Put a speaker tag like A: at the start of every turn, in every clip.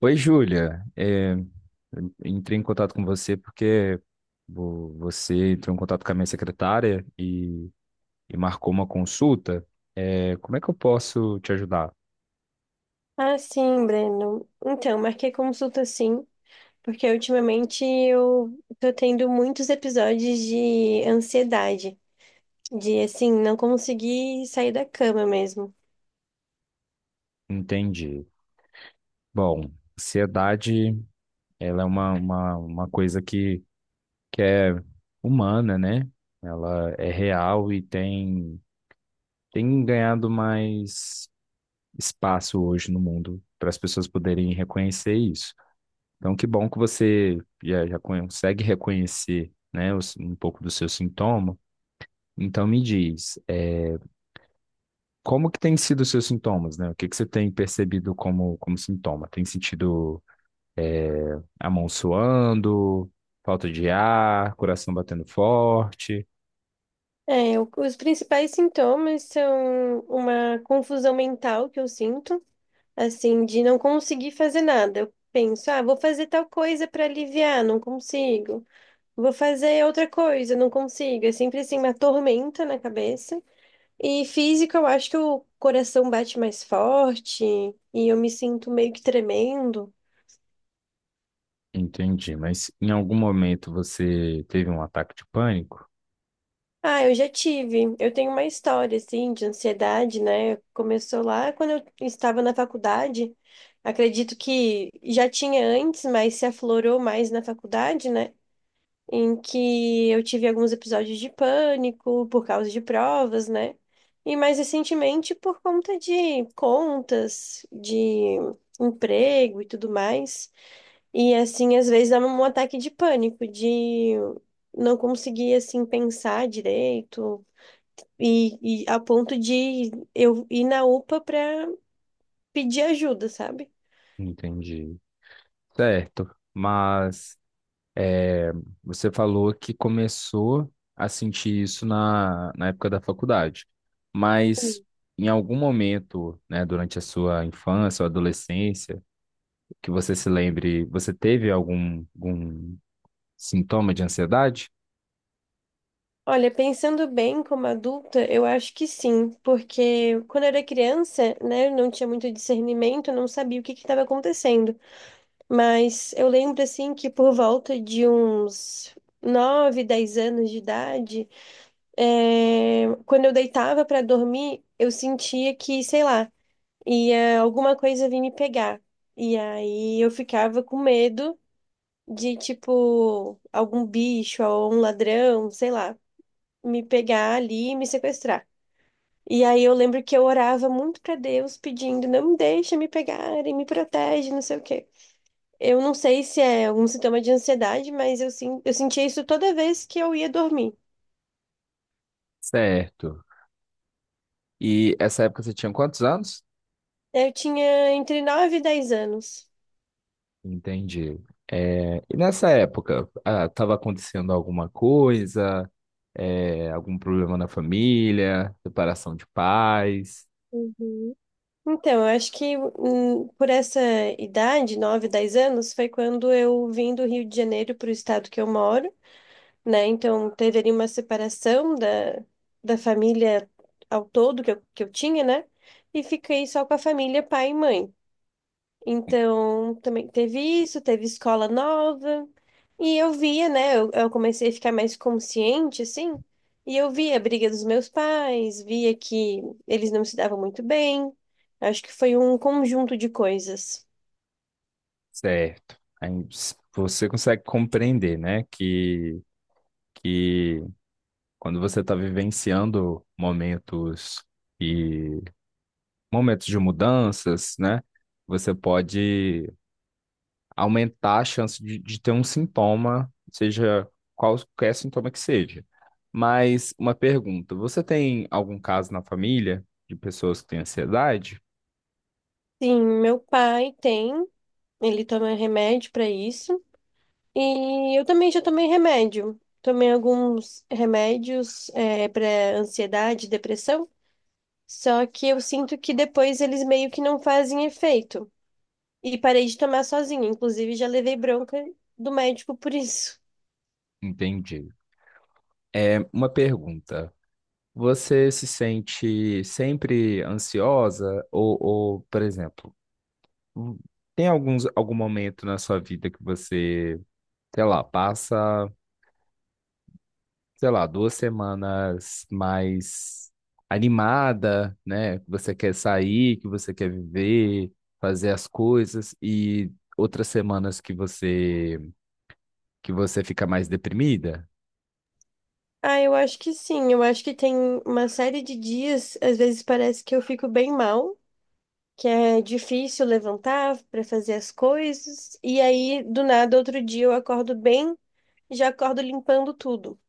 A: Oi, Júlia. Eu entrei em contato com você porque você entrou em contato com a minha secretária e marcou uma consulta. É, como é que eu posso te ajudar?
B: Ah, sim, Breno. Então, marquei consulta sim, porque ultimamente eu tô tendo muitos episódios de ansiedade, de assim, não conseguir sair da cama mesmo.
A: Entendi. Bom, ansiedade, ela é uma coisa que é humana, né? Ela é real e tem ganhado mais espaço hoje no mundo para as pessoas poderem reconhecer isso. Então, que bom que você já consegue reconhecer, né, um pouco do seu sintoma. Então, me diz, como que têm sido os seus sintomas, né? O que que você tem percebido como, como sintoma? Tem sentido a mão suando, falta de ar, coração batendo forte?
B: É, os principais sintomas são uma confusão mental que eu sinto, assim, de não conseguir fazer nada. Eu penso, ah, vou fazer tal coisa para aliviar, não consigo. Vou fazer outra coisa, não consigo. É sempre assim uma tormenta na cabeça. E física, eu acho que o coração bate mais forte e eu me sinto meio que tremendo.
A: Entendi, mas em algum momento você teve um ataque de pânico?
B: Ah, eu já tive. Eu tenho uma história, assim, de ansiedade, né? Começou lá quando eu estava na faculdade. Acredito que já tinha antes, mas se aflorou mais na faculdade, né? Em que eu tive alguns episódios de pânico por causa de provas, né? E mais recentemente por conta de contas, de emprego e tudo mais. E assim, às vezes dava um ataque de pânico, de não conseguir assim pensar direito e a ponto de eu ir na UPA para pedir ajuda, sabe?
A: Entendi. Certo, mas É, você falou que começou a sentir isso na época da faculdade, mas em algum momento, né, durante a sua infância ou adolescência, que você se lembre, você teve algum sintoma de ansiedade?
B: Olha, pensando bem como adulta, eu acho que sim, porque quando eu era criança, né, eu não tinha muito discernimento, eu não sabia o que que estava acontecendo. Mas eu lembro assim que por volta de uns 9 10 anos de idade, é, quando eu deitava para dormir, eu sentia que, sei lá, ia alguma coisa vir me pegar. E aí eu ficava com medo de, tipo, algum bicho ou um ladrão, sei lá, me pegar ali e me sequestrar. E aí eu lembro que eu orava muito para Deus pedindo, não me deixa me pegarem, me protege, não sei o quê. Eu não sei se é algum sintoma de ansiedade, mas eu, sim, eu sentia isso toda vez que eu ia dormir.
A: Certo. E essa época você tinha quantos anos?
B: Eu tinha entre 9 e 10 anos.
A: Entendi. E nessa época, estava acontecendo alguma coisa, algum problema na família, separação de pais?
B: Uhum. Então, eu acho que por essa idade, 9 10 anos, foi quando eu vim do Rio de Janeiro para o estado que eu moro, né? Então, teve ali uma separação da, da família ao todo que eu tinha, né? E fiquei só com a família pai e mãe. Então, também teve isso, teve escola nova. E eu via, né? Eu comecei a ficar mais consciente, assim. E eu via a briga dos meus pais, via que eles não se davam muito bem. Acho que foi um conjunto de coisas.
A: Certo. Aí você consegue compreender, né, que quando você está vivenciando momentos e momentos de mudanças, né, você pode aumentar a chance de ter um sintoma, seja qualquer sintoma que seja. Mas uma pergunta, você tem algum caso na família de pessoas que têm ansiedade?
B: Sim, meu pai tem, ele toma remédio para isso. E eu também já tomei remédio. Tomei alguns remédios, é, para ansiedade, depressão. Só que eu sinto que depois eles meio que não fazem efeito. E parei de tomar sozinha. Inclusive, já levei bronca do médico por isso.
A: Entendi. É uma pergunta. Você se sente sempre ansiosa? Ou, por exemplo, hum, tem algum momento na sua vida que você, sei lá, passa, sei lá, duas semanas mais animada, né? Que você quer sair, que você quer viver, fazer as coisas, e outras semanas que que você fica mais deprimida?
B: Ah, eu acho que sim. Eu acho que tem uma série de dias, às vezes parece que eu fico bem mal, que é difícil levantar para fazer as coisas. E aí, do nada, outro dia eu acordo bem, já acordo limpando tudo.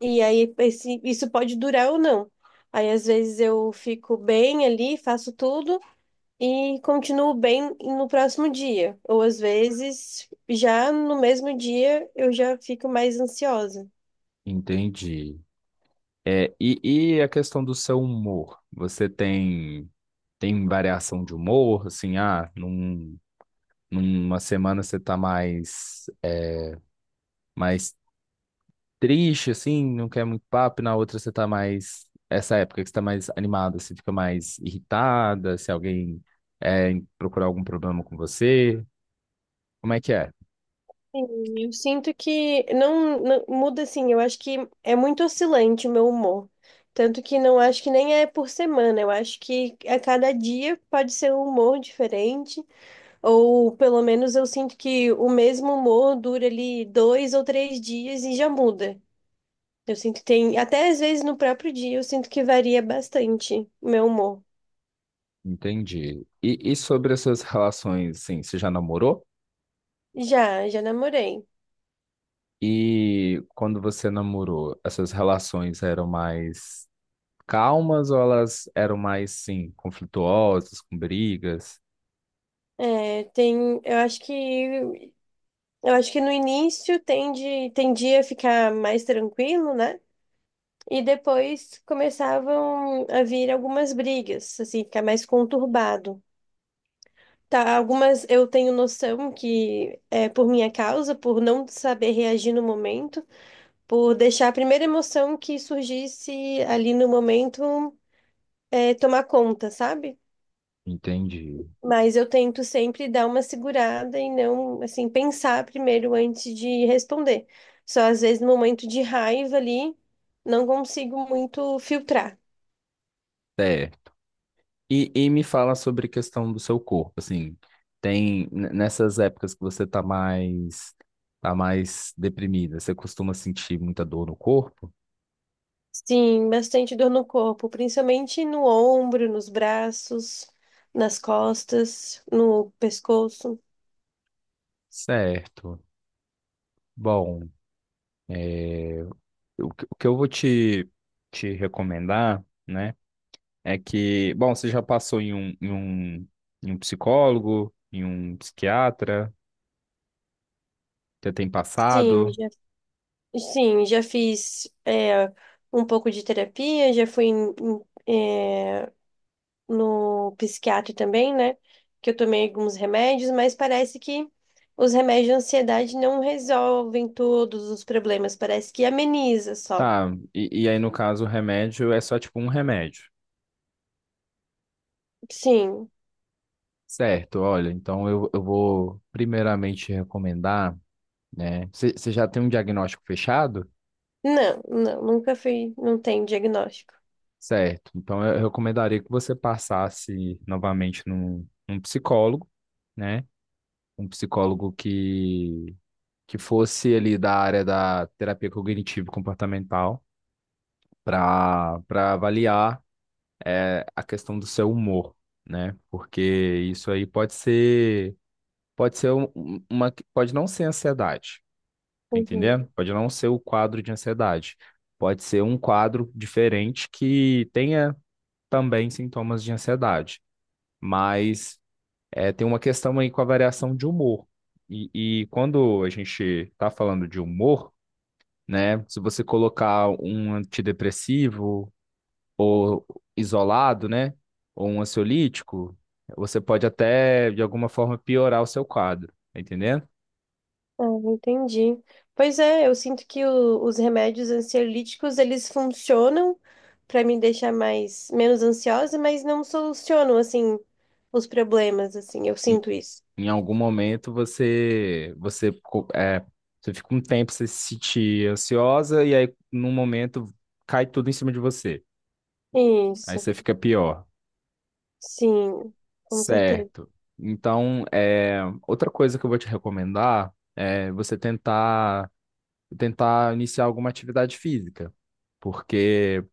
B: E aí, isso pode durar ou não. Aí, às vezes, eu fico bem ali, faço tudo. E continuo bem no próximo dia. Ou às vezes, já no mesmo dia, eu já fico mais ansiosa.
A: Entendi. E a questão do seu humor? Você tem variação de humor? Assim, ah, numa semana você tá mais, mais triste, assim, não quer muito papo, e na outra você tá mais. Essa época que você tá mais animada, você fica mais irritada, se alguém é, procurar algum problema com você. Como é que é?
B: Sim, eu sinto que muda assim, eu acho que é muito oscilante o meu humor. Tanto que não acho que nem é por semana, eu acho que a cada dia pode ser um humor diferente, ou pelo menos eu sinto que o mesmo humor dura ali dois ou três dias e já muda. Eu sinto que tem, até às vezes no próprio dia, eu sinto que varia bastante o meu humor.
A: Entendi. E sobre as suas relações, assim, você já namorou?
B: Já, já namorei.
A: E quando você namorou, as suas relações eram mais calmas ou elas eram mais, sim, conflituosas, com brigas?
B: É, tem, eu acho que no início tendia a ficar mais tranquilo, né? E depois começavam a vir algumas brigas, assim, ficar mais conturbado. Tá, algumas eu tenho noção que é por minha causa, por não saber reagir no momento, por deixar a primeira emoção que surgisse ali no momento é, tomar conta, sabe?
A: Entendi.
B: Mas eu tento sempre dar uma segurada e não, assim, pensar primeiro antes de responder. Só às vezes no momento de raiva ali, não consigo muito filtrar.
A: É. E me fala sobre a questão do seu corpo, assim, tem nessas épocas que você tá mais deprimida, você costuma sentir muita dor no corpo?
B: Sim, bastante dor no corpo, principalmente no ombro, nos braços, nas costas, no pescoço.
A: Certo. Bom, é, o que eu vou te recomendar, né, é que, bom, você já passou em um psicólogo, em um psiquiatra, você tem
B: Sim,
A: passado?
B: já, sim, já fiz é, um pouco de terapia, já fui em, no psiquiatra também, né? Que eu tomei alguns remédios, mas parece que os remédios de ansiedade não resolvem todos os problemas, parece que ameniza só.
A: Tá, e aí no caso o remédio é só tipo um remédio.
B: Sim.
A: Certo, olha, então eu vou primeiramente recomendar, né? Você já tem um diagnóstico fechado?
B: Não, não, nunca fui, não tem diagnóstico.
A: Certo, então eu recomendaria que você passasse novamente num psicólogo, né? Um psicólogo que fosse ali da área da terapia cognitivo-comportamental para avaliar a questão do seu humor, né? Porque isso aí pode ser. Pode ser pode não ser ansiedade, tá
B: Uhum.
A: entendendo? Pode não ser o quadro de ansiedade. Pode ser um quadro diferente que tenha também sintomas de ansiedade, mas tem uma questão aí com a variação de humor. E, e quando a gente está falando de humor, né? Se você colocar um antidepressivo ou isolado, né? Ou um ansiolítico, você pode até de alguma forma piorar o seu quadro, tá entendendo?
B: Ah, entendi. Pois é, eu sinto que os remédios ansiolíticos, eles funcionam para me deixar mais menos ansiosa, mas não solucionam assim os problemas assim. Eu sinto isso.
A: Em algum momento você você fica um tempo você se sentir ansiosa e aí num momento cai tudo em cima de você. Aí
B: Isso.
A: você fica pior.
B: Sim, com certeza.
A: Certo. Então, outra coisa que eu vou te recomendar é você tentar iniciar alguma atividade física, porque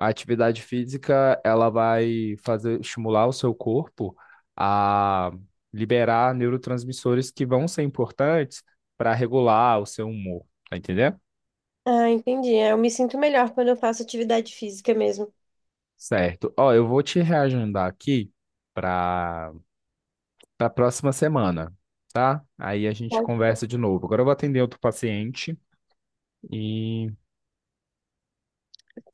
A: a atividade física, ela vai fazer estimular o seu corpo a liberar neurotransmissores que vão ser importantes para regular o seu humor, tá entendendo?
B: Ah, entendi. É, eu me sinto melhor quando eu faço atividade física mesmo.
A: Certo. Ó, eu vou te reagendar aqui para para próxima semana, tá? Aí a gente
B: Pode.
A: conversa de novo. Agora eu vou atender outro paciente e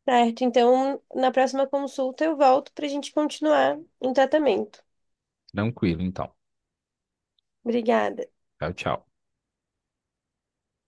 B: Certo, então na próxima consulta eu volto para a gente continuar o tratamento.
A: tranquilo, então.
B: Obrigada.
A: Tchau, tchau.